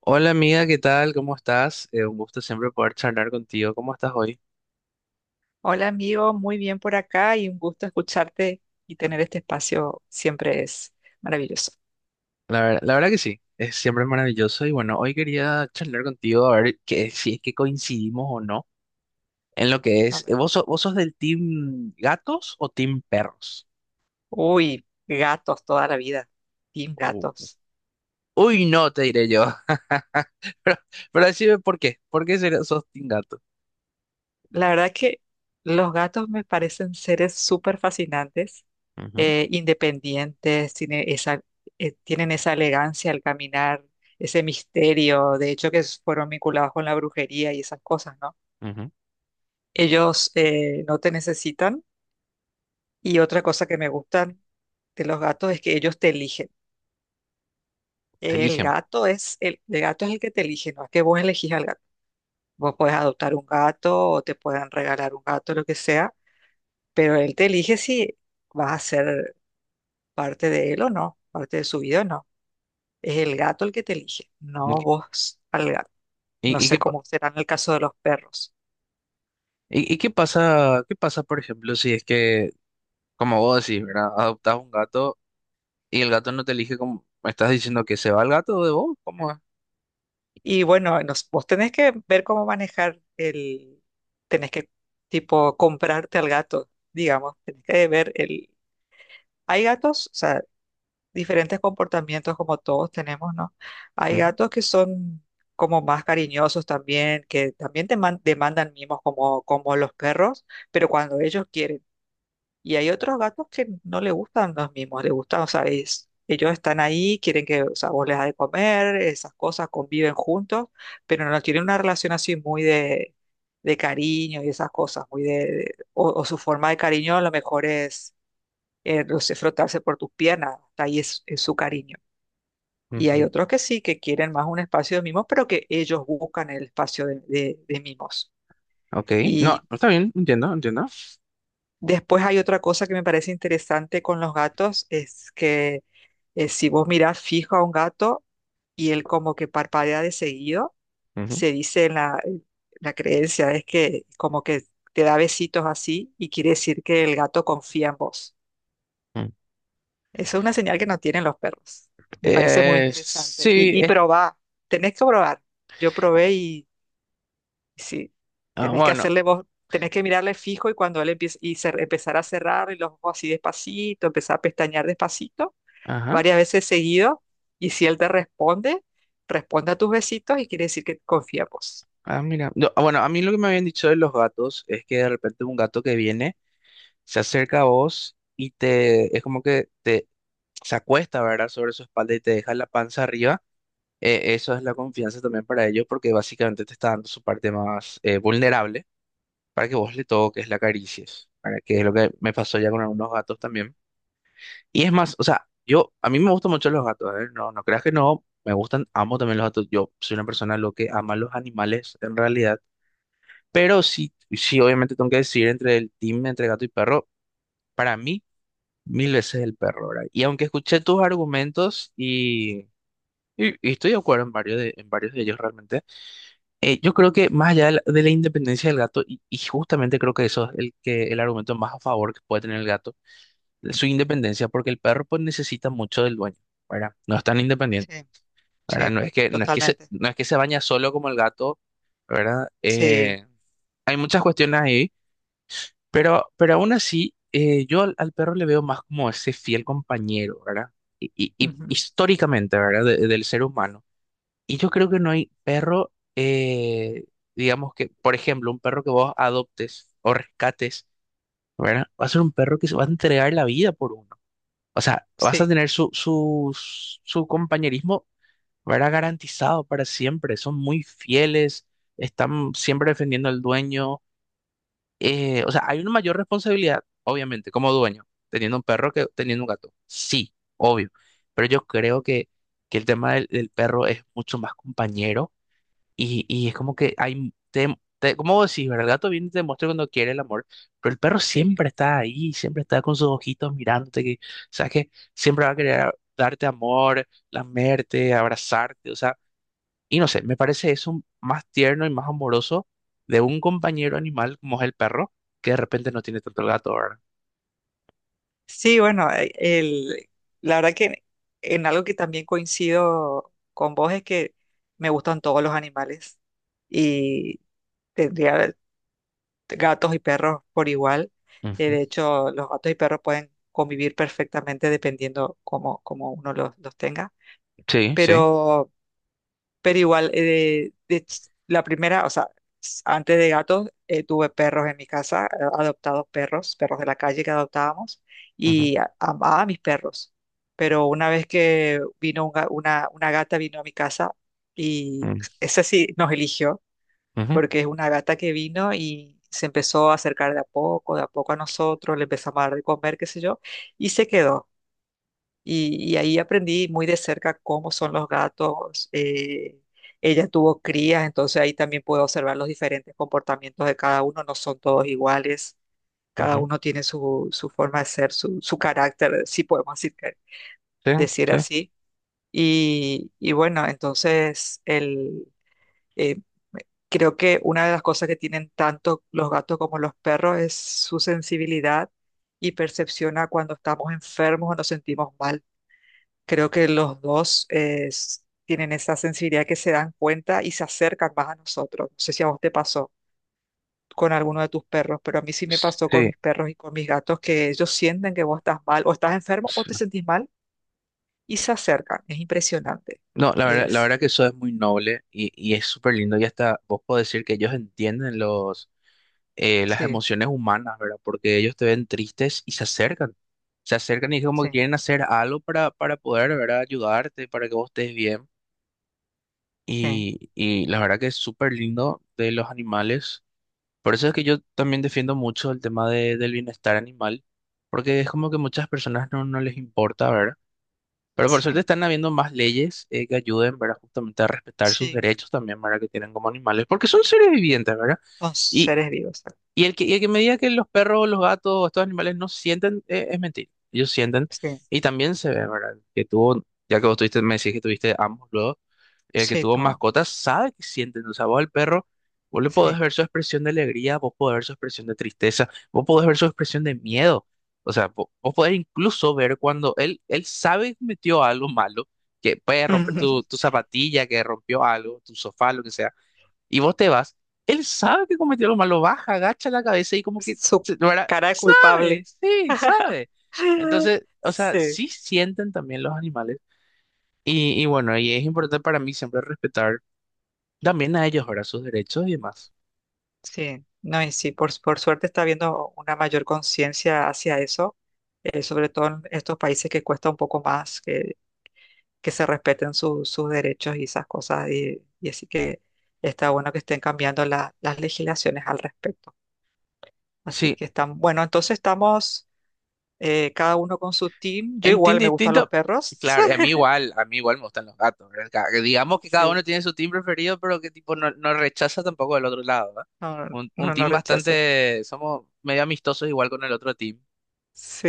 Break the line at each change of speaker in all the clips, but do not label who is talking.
Hola amiga, ¿qué tal? ¿Cómo estás? Un gusto siempre poder charlar contigo. ¿Cómo estás hoy?
Hola amigo, muy bien por acá y un gusto escucharte y tener este espacio siempre es maravilloso.
La verdad que sí, es siempre maravilloso y bueno, hoy quería charlar contigo a ver que, si es que coincidimos o no en lo que
A
es.
ver.
¿Vos, vos sos del team gatos o team perros?
Uy, gatos toda la vida, team
Uh,
gatos.
Uy, no, te diré yo. Pero, pero decime por qué. Sos team gato?
La verdad que los gatos me parecen seres súper fascinantes,
Ujú,
independientes, tienen esa elegancia al caminar, ese misterio, de hecho que fueron vinculados con la brujería y esas cosas, ¿no?
ujú.
Ellos no te necesitan. Y otra cosa que me gusta de los gatos es que ellos te eligen.
Te
El
eligen.
gato es el, el gato es el que te elige, no es que vos elegís al gato. Vos podés adoptar un gato o te pueden regalar un gato, lo que sea, pero él te elige si vas a ser parte de él o no, parte de su vida o no. Es el gato el que te elige,
¿Y,
no
qué
vos al gato. No
¿Y qué
sé cómo será en el caso de los perros.
y qué pasa, por ejemplo, si es que, como vos decís, ¿verdad? Adoptás un gato. Y el gato no te elige como… ¿Me estás diciendo que se va el gato de vos? ¿Cómo es?
Y bueno, vos tenés que ver cómo manejar el, tenés que tipo comprarte al gato, digamos, tenés que ver el. Hay gatos, o sea, diferentes comportamientos como todos tenemos, ¿no? Hay
Ujú,
gatos que son como más cariñosos también, que también demandan mimos como, como los perros, pero cuando ellos quieren. Y hay otros gatos que no le gustan los mimos, les gustan, o sea, ellos están ahí, quieren que, o sea, vos les das de comer, esas cosas, conviven juntos, pero no tienen una relación así muy de cariño y esas cosas, muy de, o su forma de cariño a lo mejor es los sé frotarse por tus piernas, hasta ahí es su cariño. Y hay
ujú.
otros que sí, que quieren más un espacio de mimos, pero que ellos buscan el espacio de, de mimos.
Ok. No,
Y
está bien, entiendo, entiendo.
después hay otra cosa que me parece interesante con los gatos, es que si vos mirás fijo a un gato y él como que parpadea de seguido,
Ujú,
se dice en la creencia, es que como que te da besitos así y quiere decir que el gato confía en vos.
ujú.
Eso es una señal que no tienen los perros. Me parece muy interesante.
Sí,
Y probar, tenés que probar. Yo probé y sí,
ah,
tenés que
bueno,
hacerle vos, tenés que mirarle fijo y cuando él empiece empezar a cerrar y los ojos así despacito, empezar a pestañear despacito,
ajá.
varias veces seguido. Y si él te responde, responde a tus besitos y quiere decir que confía en vos.
Ah, mira. No, ah, bueno, a mí lo que me habían dicho de los gatos es que de repente un gato que viene se acerca a vos y te, es como que te se acuesta, ¿verdad? Sobre su espalda y te deja la panza arriba. Eso es la confianza también para ellos porque básicamente te está dando su parte más vulnerable, para que vos le toques, la acaricies, para que es lo que me pasó ya con algunos gatos también. Y es más, o sea, yo, a mí me gustan mucho los gatos, ¿eh? No, no creas que no, me gustan, amo también los gatos. Yo soy una persona lo que ama los animales en realidad, pero sí, sí, obviamente tengo que decidir entre el team, entre gato y perro, para mí, mil veces el perro, ¿verdad? Y aunque escuché tus argumentos y, y estoy de acuerdo en varios de ellos realmente. Yo creo que más allá de la independencia del gato, y justamente creo que eso es el, que, el argumento más a favor que puede tener el gato, su independencia, porque el perro pues, necesita mucho del dueño, ¿verdad? No es tan independiente,
Sí,
¿verdad?
sí,
No es que, no es que se,
totalmente.
no es que se baña solo como el gato, ¿verdad?
Sí,
Hay muchas cuestiones ahí, pero aún así, yo al, al perro le veo más como ese fiel compañero, ¿verdad? Y, y
ujú,
históricamente, ¿verdad? Del ser humano. Y yo creo que no hay perro, digamos que, por ejemplo, un perro que vos adoptes o rescates, ¿verdad? Va a ser un perro que se va a entregar la vida por uno. O sea, vas a
sí,
tener su, su, su compañerismo, ¿verdad? Garantizado para siempre. Son muy fieles, están siempre defendiendo al dueño. O sea, hay una mayor responsabilidad, obviamente, como dueño, teniendo un perro que teniendo un gato. Sí, obvio. Pero yo creo que el tema del perro es mucho más compañero y es como que hay, te, como vos decís, ¿verdad? El gato viene y te muestra cuando quiere el amor, pero el perro
sí.
siempre está ahí, siempre está con sus ojitos mirándote, que, sabes que siempre va a querer darte amor, lamerte, abrazarte, o sea, y no sé, me parece eso más tierno y más amoroso de un compañero animal como es el perro, que de repente no tiene tanto el gato, ¿verdad?
Sí, bueno, la verdad que en algo que también coincido con vos es que me gustan todos los animales y tendría gatos y perros por igual.
Ujú.
De hecho, los gatos y perros pueden convivir perfectamente dependiendo cómo, cómo uno los tenga.
Sí, sí.
Pero pero igual, la primera, o sea, antes de gatos, tuve perros en mi casa, adoptados perros, perros de la calle que adoptábamos,
Ujú,
y amaba a mis perros. Pero una vez que vino una gata, vino a mi casa y esa sí nos eligió,
ujú,
porque es una gata que vino y se empezó a acercar de a poco a nosotros, le empezamos a dar de comer, qué sé yo, y se quedó. Y ahí aprendí muy de cerca cómo son los gatos. Ella tuvo crías, entonces ahí también puedo observar los diferentes comportamientos de cada uno. No son todos iguales,
ujú,
cada
ujú.
uno tiene su, su forma de ser, su carácter, si podemos decir,
Sí,
decir
sí.
así. Y bueno, entonces el, eh, creo que una de las cosas que tienen tanto los gatos como los perros es su sensibilidad y percepciona cuando estamos enfermos o nos sentimos mal. Creo que los dos tienen esa sensibilidad que se dan cuenta y se acercan más a nosotros. No sé si a vos te pasó con alguno de tus perros, pero a mí sí me pasó con
Sí,
mis perros y con mis gatos que ellos sienten que vos estás mal o estás enfermo o
sí.
te sentís mal y se acercan. Es impresionante.
No, la
Es,
verdad que eso es muy noble y es súper lindo. Y hasta vos podés decir que ellos entienden los, las
sí,
emociones humanas, ¿verdad? Porque ellos te ven tristes y se acercan. Se acercan y es como que
sí,
quieren hacer algo para poder, ¿verdad? Ayudarte, para que vos estés bien.
sí,
Y la verdad que es súper lindo de los animales. Por eso es que yo también defiendo mucho el tema de, del bienestar animal, porque es como que muchas personas no, no les importa, ¿verdad? Pero por
sí,
suerte están habiendo más leyes que ayuden, ¿verdad? Justamente a respetar sus
sí.
derechos también, ¿verdad? Que tienen como animales, porque son seres vivientes, ¿verdad?
Son
Y,
seres vivos.
y el que me diga que los perros, los gatos, estos animales no sienten, es mentira. Ellos sienten
Sí,
y también se ve, ¿verdad? Que tú, ya que vos tuviste, me decís que tuviste ambos luego el que
sí,
tuvo
toma,
mascotas sabe que sienten, o sea, vos al perro, vos le podés
sí.
ver su expresión de alegría, vos podés ver su expresión de tristeza, vos podés ver su expresión de miedo, o sea, vos, podés incluso ver cuando él sabe que metió algo malo, que puede romper tu, tu zapatilla, que rompió algo, tu sofá, lo que sea, y vos te vas, él sabe que cometió lo malo, baja, agacha la cabeza y como que,
Su
¿verdad?
cara de
Sabe,
culpable.
sí, sabe. Entonces, o sea,
Sí.
sí sienten también los animales. Y bueno, y es importante para mí siempre respetar también a ellos, ¿verdad? Sus derechos y demás.
Sí, no, y sí, por suerte está habiendo una mayor conciencia hacia eso, sobre todo en estos países que cuesta un poco más que se respeten sus derechos y esas cosas, y así que está bueno que estén cambiando las legislaciones al respecto. Así
Sí,
que están, bueno, entonces estamos cada uno con su team. Yo
en team
igual me gustan los
distinto.
perros.
Claro, y a mí igual me gustan los gatos, ¿verdad? Digamos que cada uno
Sí,
tiene su team preferido, pero que tipo no, no rechaza tampoco del otro lado, ¿verdad?
no, no,
Un
no no
team
rechazo.
bastante, somos medio amistosos igual con el otro team,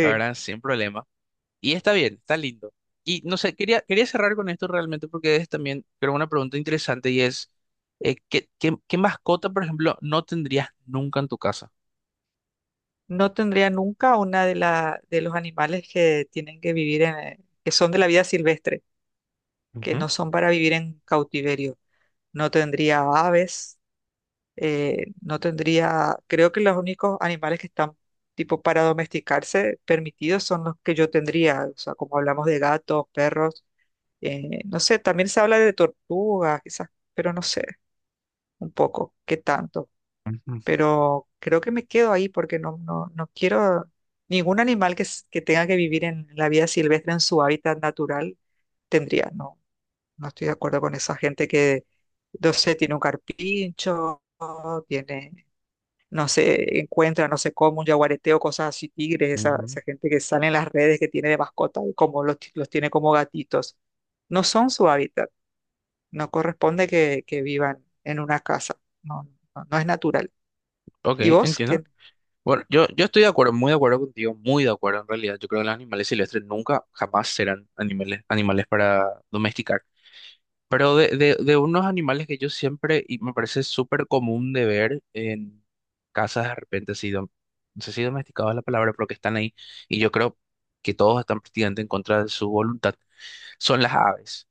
la verdad, sin problema. Y está bien, está lindo. Y no sé, quería, quería cerrar con esto realmente porque es también, creo, una pregunta interesante y es, ¿qué, qué, qué mascota, por ejemplo, no tendrías nunca en tu casa?
No tendría nunca una de, la, de los animales que tienen que vivir en, que son de la vida silvestre, que
Ujú,
no son para vivir en cautiverio. No tendría aves, no tendría, creo que los únicos animales que están tipo para domesticarse permitidos son los que yo tendría, o sea, como hablamos de gatos, perros, no sé, también se habla de tortugas, quizás, pero no sé, un poco, qué tanto.
ujú,
Pero creo que me quedo ahí porque no, no, no quiero ningún animal que, que tenga que vivir en la vida silvestre en su hábitat natural tendría, no, no estoy de acuerdo con esa gente que, no sé, tiene un carpincho, tiene, no sé, encuentra, no sé cómo, un yaguareteo, cosas así, tigres, esa,
ujú.
esa gente que sale en las redes que tiene de mascota y como los, los tiene como gatitos. No son su hábitat, no corresponde que vivan en una casa, no, no, no es natural.
Ok,
¿Y vos?
entiendo.
¿Qué,
Bueno, yo estoy de acuerdo, muy de acuerdo contigo, muy de acuerdo en realidad. Yo creo que los animales silvestres nunca, jamás serán animales, animales para domesticar. Pero de unos animales que yo siempre, y me parece súper común de ver en casas de repente, así, no sé si domesticados es la palabra, pero que están ahí, y yo creo que todos están prácticamente en contra de su voluntad, son las aves.